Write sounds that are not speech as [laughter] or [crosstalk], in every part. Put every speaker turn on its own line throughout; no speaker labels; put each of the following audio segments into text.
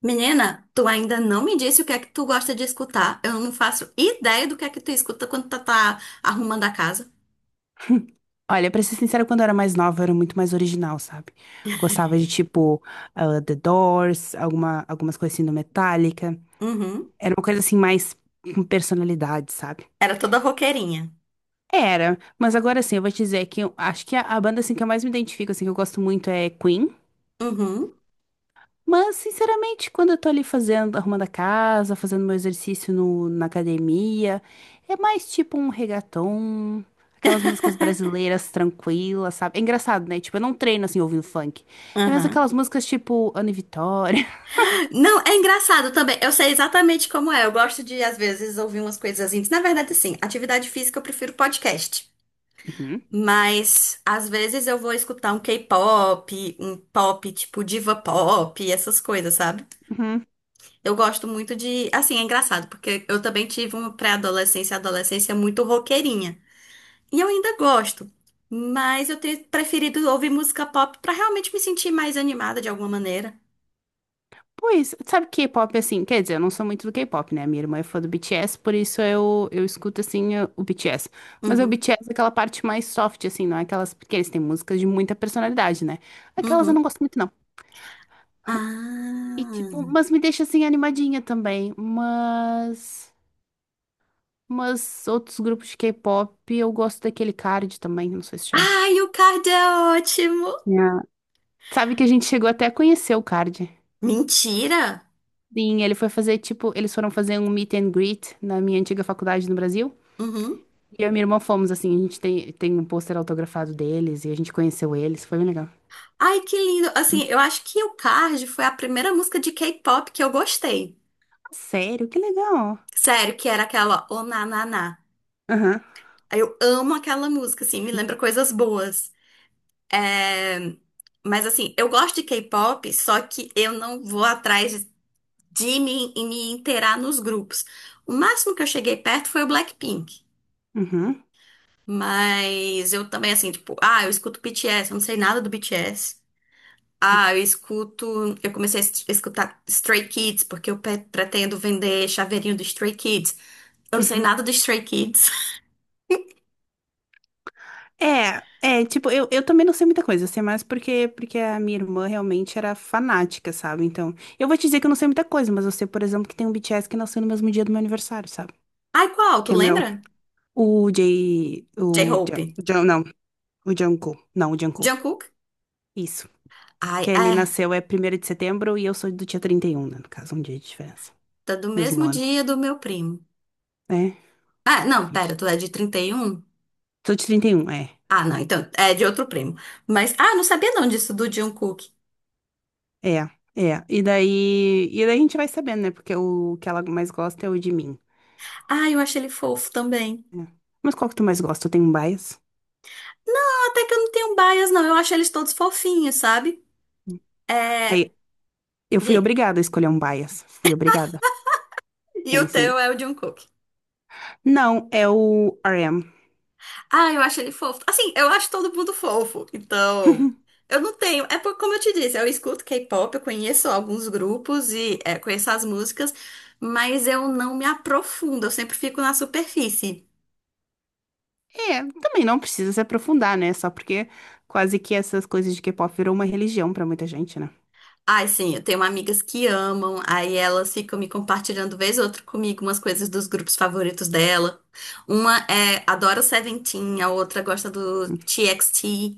Menina, tu ainda não me disse o que é que tu gosta de escutar. Eu não faço ideia do que é que tu escuta quando tu tá arrumando a casa.
Olha, pra ser sincera, quando eu era mais nova, eu era muito mais original, sabe? Gostava de, tipo, The Doors, algumas coisas assim do Metallica.
Uhum.
Era uma coisa, assim, mais com personalidade, sabe?
Era toda roqueirinha.
Era, mas agora, assim, eu vou te dizer que eu acho que a banda, assim, que eu mais me identifico, assim, que eu gosto muito é Queen.
Uhum.
Mas, sinceramente, quando eu tô ali fazendo, arrumando a casa, fazendo meu exercício na academia, é mais tipo um reggaeton, aquelas músicas brasileiras tranquilas, sabe? É engraçado, né? Tipo, eu não treino assim ouvindo funk. É mais
Uhum.
aquelas músicas tipo Ana e Vitória. [laughs]
Não, é engraçado também. Eu sei exatamente como é. Eu gosto de, às vezes, ouvir umas coisas íntimas. Na verdade, sim, atividade física eu prefiro podcast.
Uhum,
Mas, às vezes, eu vou escutar um K-pop, um pop tipo diva pop, essas coisas, sabe?
uhum.
Eu gosto muito de. Assim, é engraçado, porque eu também tive uma pré-adolescência, adolescência muito roqueirinha. E eu ainda gosto. Mas eu tenho preferido ouvir música pop pra realmente me sentir mais animada de alguma maneira.
Pois, sabe K-pop assim? Quer dizer, eu não sou muito do K-pop, né? Minha irmã é fã do BTS, por isso eu escuto assim o BTS. Mas é
Uhum,
o BTS é aquela parte mais soft, assim, não é aquelas. Porque eles têm músicas de muita personalidade, né? Aquelas eu não
uhum.
gosto muito, não. E
Ah.
tipo, mas me deixa assim animadinha também. Mas. Mas outros grupos de K-pop, eu gosto daquele Card também, não sei se já.
Ai, o Card é ótimo!
Ah, sabe que a gente chegou até a conhecer o Card.
Mentira!
Sim, ele foi fazer, tipo, eles foram fazer um meet and greet na minha antiga faculdade no Brasil.
Uhum.
E eu e minha irmã fomos, assim, a gente tem um pôster autografado deles e a gente conheceu eles, foi bem legal.
Ai, que lindo! Assim, eu acho que o Card foi a primeira música de K-pop que eu gostei.
Sério, que legal.
Sério, que era aquela O Na Na Na.
Aham,
Eu amo aquela música, assim, me lembra coisas boas. É. Mas assim, eu gosto de K-pop, só que eu não vou atrás de me, e me inteirar nos grupos. O máximo que eu cheguei perto foi o Blackpink.
uhum,
Mas eu também, assim, tipo, eu escuto BTS, eu não sei nada do BTS. Ah, eu escuto. Eu comecei a escutar Stray Kids, porque eu pretendo vender chaveirinho do Stray Kids. Eu não sei
uhum.
nada do Stray Kids. [laughs]
É, é, tipo, eu também não sei muita coisa, eu sei mais porque a minha irmã realmente era fanática, sabe? Então, eu vou te dizer que eu não sei muita coisa, mas eu sei, por exemplo, que tem um BTS que nasceu no mesmo dia do meu aniversário, sabe?
Ai, qual? Tu
Que é meu,
lembra?
o J, o
J-Hope.
J, J- não, o Jungkook, não, o Jungkook,
Jungkook?
isso.
Ai,
Que ele
é.
nasceu é 1º de setembro e eu sou do dia 31, né, no caso, um dia de diferença,
Tá do
mesmo
mesmo
ano,
dia do meu primo.
é,
Ah,
que
não,
fiz.
pera, tu é de 31.
Sou de 31, é,
Ah, não, então é de outro primo. Mas, ah, não sabia não disso do Jungkook.
é, é, e daí a gente vai sabendo, né, porque o que ela mais gosta é o de mim.
Ah, eu acho ele fofo também.
É. Mas qual que tu mais gosta? Tu tem um bias?
Não, até que eu não tenho bias, não. Eu acho eles todos fofinhos, sabe? É,
Aí, eu fui
diga.
obrigada a escolher um bias. Fui obrigada.
E o
Sim,
teu
sim.
é o Jungkook.
Não, é o RM.
Ah, eu acho ele fofo. Assim, eu acho todo mundo fofo. Então,
[laughs]
eu não tenho. É porque, como eu te disse, eu escuto K-pop, eu conheço alguns grupos e conheço as músicas, mas eu não me aprofundo, eu sempre fico na superfície.
É, também não precisa se aprofundar, né? Só porque quase que essas coisas de K-pop virou uma religião pra muita gente, né?
Ai, sim, eu tenho amigas que amam, aí elas ficam me compartilhando vez ou outra comigo umas coisas dos grupos favoritos dela. Uma adora o Seventeen, a outra gosta do TXT.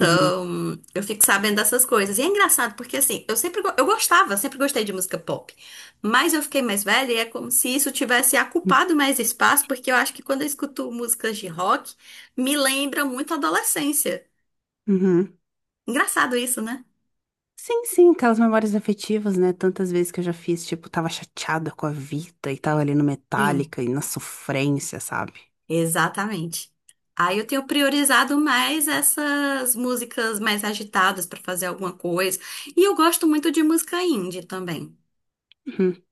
Uhum.
eu fico sabendo dessas coisas. E é engraçado porque assim, eu gostava, sempre gostei de música pop. Mas eu fiquei mais velha e é como se isso tivesse ocupado mais espaço, porque eu acho que quando eu escuto músicas de rock, me lembra muito a adolescência.
Uhum.
Engraçado isso, né?
Sim, sim, aquelas memórias afetivas, né? Tantas vezes que eu já fiz, tipo, tava chateada com a vida e tava ali no Metallica e na sofrência, sabe?
Exatamente. Aí eu tenho priorizado mais essas músicas mais agitadas para fazer alguma coisa. E eu gosto muito de música indie também.
Uhum.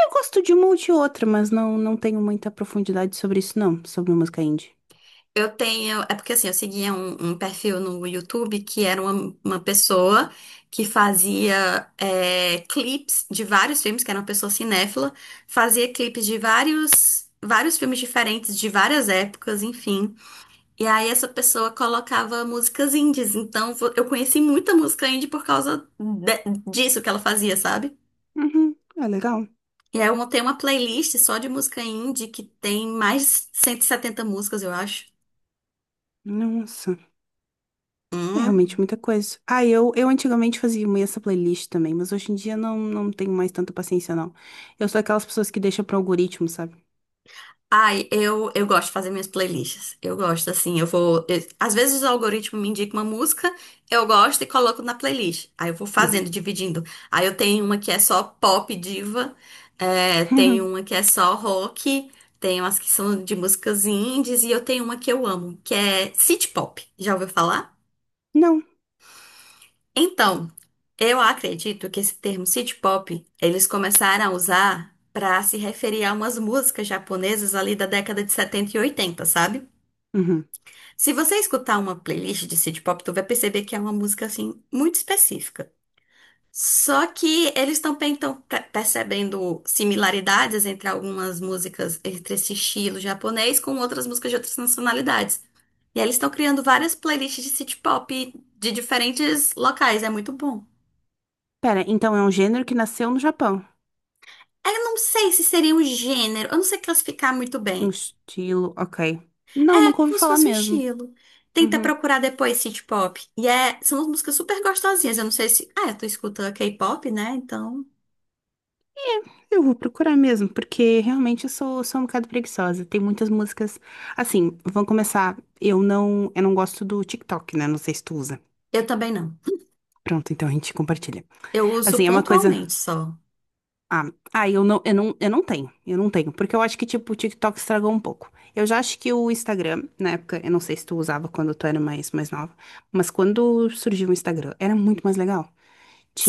Eu gosto de uma ou de outra, mas não, não tenho muita profundidade sobre isso, não, sobre música indie.
Eu tenho. É porque assim, eu seguia um perfil no YouTube que era uma pessoa que fazia clipes de vários filmes, que era uma pessoa cinéfila, fazia clipes de vários, vários filmes diferentes, de várias épocas, enfim. E aí essa pessoa colocava músicas indies. Então eu conheci muita música indie por causa disso que ela fazia, sabe?
Uhum, é legal.
E aí eu montei uma playlist só de música indie que tem mais de 170 músicas, eu acho.
Nossa, é
Hum.
realmente muita coisa. Ah, eu antigamente fazia muito essa playlist também, mas hoje em dia não, não tenho mais tanta paciência, não. Eu sou aquelas pessoas que deixam para algoritmo, sabe?
Ai, eu gosto de fazer minhas playlists. Eu gosto, assim, eu vou. Às vezes o algoritmo me indica uma música, eu gosto e coloco na playlist. Aí eu vou
Uhum.
fazendo, dividindo. Aí eu tenho uma que é só pop diva, tem uma que
[laughs]
é só rock, tem umas que são de músicas indies e eu tenho uma que eu amo, que é city pop. Já ouviu falar?
Não.
Então, eu acredito que esse termo city pop eles começaram a usar para se referir a umas músicas japonesas ali da década de 70 e 80, sabe?
Uhum.
Se você escutar uma playlist de City Pop, tu vai perceber que é uma música assim muito específica. Só que eles também estão percebendo similaridades entre algumas músicas, entre esse estilo japonês com outras músicas de outras nacionalidades. E aí eles estão criando várias playlists de City Pop de diferentes locais, é muito bom.
Pera, então é um gênero que nasceu no Japão.
Eu não sei se seria um gênero, eu não sei classificar muito
Tipo um
bem.
estilo, ok. Não,
É
nunca ouvi
como se
falar
fosse um
mesmo.
estilo. Tenta
Uhum.
procurar depois synth pop. E são músicas super gostosinhas. Eu não sei se. Ah, tu escuta K-pop, né? Então.
Eu vou procurar mesmo, porque realmente eu sou, sou um bocado preguiçosa. Tem muitas músicas. Assim, vamos começar. Eu não gosto do TikTok, né? Não sei se tu usa.
Eu também não.
Pronto, então a gente compartilha.
Eu uso
Assim, é uma coisa.
pontualmente só.
Eu não, eu não, eu não tenho. Eu não tenho. Porque eu acho que, tipo, o TikTok estragou um pouco. Eu já acho que o Instagram, na época, eu não sei se tu usava quando tu era mais, mais nova, mas quando surgiu o Instagram, era muito mais legal.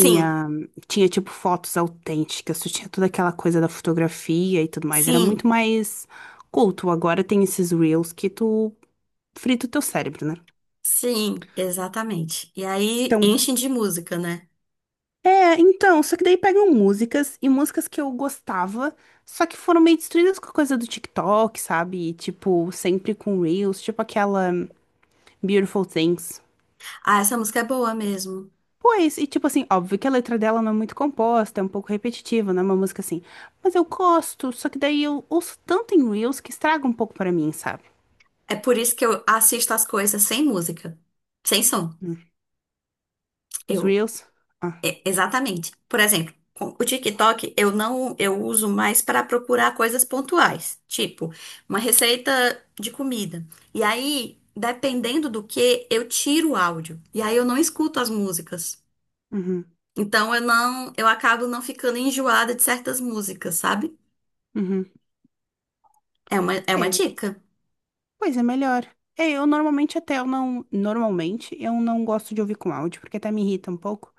Sim,
tinha tipo fotos autênticas, tu tinha toda aquela coisa da fotografia e tudo mais. Era
sim,
muito mais culto. Agora tem esses reels que tu frita o teu cérebro, né?
sim, exatamente. E aí
Então,
enchem de música, né?
é, então, só que daí pegam músicas e músicas que eu gostava, só que foram meio destruídas com a coisa do TikTok, sabe? E, tipo, sempre com reels, tipo aquela Beautiful Things.
Ah, essa música é boa mesmo.
Pois, e tipo assim, óbvio que a letra dela não é muito composta, é um pouco repetitiva, não é uma música assim. Mas eu gosto, só que daí eu ouço tanto em Reels que estraga um pouco pra mim, sabe?
É por isso que eu assisto as coisas sem música, sem som.
Hum, Os
Eu
Reels. Ah,
É, exatamente. Por exemplo, com o TikTok eu não, eu uso mais para procurar coisas pontuais, tipo uma receita de comida. E aí, dependendo do que, eu tiro o áudio. E aí eu não escuto as músicas.
uhum,
Então eu não, eu acabo não ficando enjoada de certas músicas, sabe?
uhum.
É uma
É,
dica.
pois é melhor. É, eu normalmente até eu não. Normalmente eu não gosto de ouvir com áudio, porque até me irrita um pouco.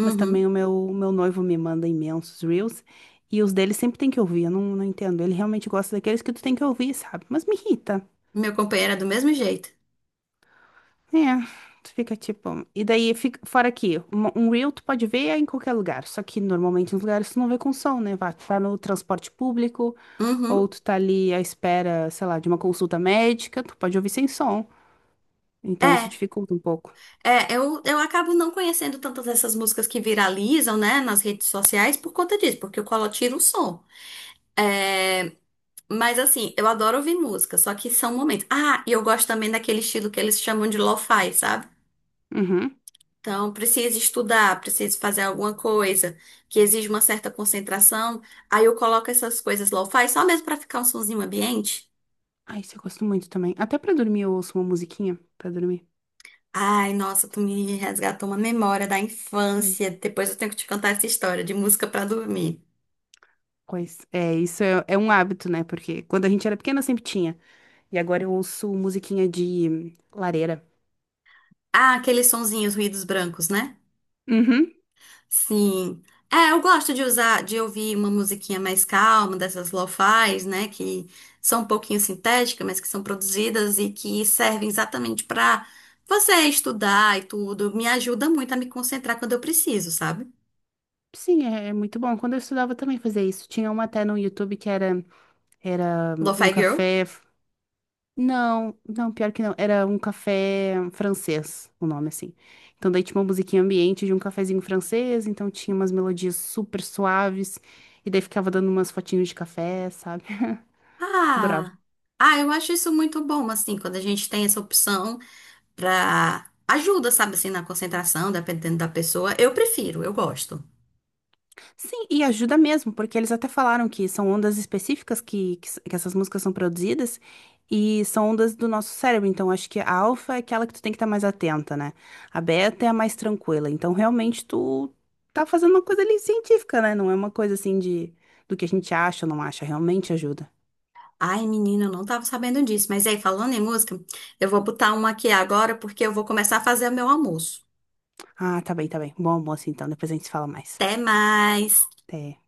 Mas também o meu noivo me manda imensos Reels. E os dele sempre tem que ouvir, eu não, não entendo. Ele realmente gosta daqueles que tu tem que ouvir, sabe? Mas me irrita.
Meu companheiro é do mesmo jeito.
É, tu fica tipo. E daí, fica, fora aqui, um reel tu pode ver em qualquer lugar, só que normalmente nos lugares tu não vê com som, né? Vá, tu tá no transporte público, ou
Uhum.
tu tá ali à espera, sei lá, de uma consulta médica, tu pode ouvir sem som. Então isso
É.
dificulta um pouco.
É, eu acabo não conhecendo tantas dessas músicas que viralizam, né, nas redes sociais por conta disso, porque eu colo tiro o som. Mas assim, eu adoro ouvir música, só que são momentos. Ah, e eu gosto também daquele estilo que eles chamam de lo-fi, sabe?
Uhum.
Então, preciso estudar, preciso fazer alguma coisa que exige uma certa concentração. Aí eu coloco essas coisas lo-fi só mesmo pra ficar um sonzinho ambiente.
Ah, isso eu gosto muito também. Até pra dormir eu ouço uma musiquinha pra dormir.
Ai, nossa, tu me resgatou uma memória da
Hum.
infância. Depois eu tenho que te contar essa história de música pra dormir.
Pois é, isso é, é um hábito, né? Porque quando a gente era pequena sempre tinha. E agora eu ouço musiquinha de lareira.
Ah, aqueles sonzinhos, ruídos brancos, né?
Uhum.
Sim. É, eu gosto de usar, de ouvir uma musiquinha mais calma, dessas lo-fis, né? Que são um pouquinho sintéticas, mas que são produzidas e que servem exatamente pra você estudar e tudo. Me ajuda muito a me concentrar quando eu preciso, sabe?
Sim, é, é muito bom. Quando eu estudava eu também fazia isso. Tinha uma até no YouTube que era, era um
Lo-fi girl.
café. Não, não, pior que não. Era um café francês, o nome assim. Então daí tinha uma musiquinha ambiente de um cafezinho francês, então tinha umas melodias super suaves, e daí ficava dando umas fotinhos de café, sabe? [laughs] Adorava.
Ah, ah, eu acho isso muito bom, assim, quando a gente tem essa opção pra ajuda, sabe, assim, na concentração, dependendo da pessoa. Eu prefiro, eu gosto.
Sim, e ajuda mesmo, porque eles até falaram que são ondas específicas que essas músicas são produzidas e são ondas do nosso cérebro. Então, acho que a alfa é aquela que tu tem que estar mais atenta, né? A beta é a mais tranquila. Então, realmente, tu tá fazendo uma coisa ali científica, né? Não é uma coisa assim de do que a gente acha ou não acha. Realmente ajuda.
Ai, menina, eu não tava sabendo disso. Mas aí, falando em música, eu vou botar uma aqui agora porque eu vou começar a fazer o meu almoço.
Ah, tá bem, tá bem. Bom almoço, então. Depois a gente se fala mais.
Até mais!
Até.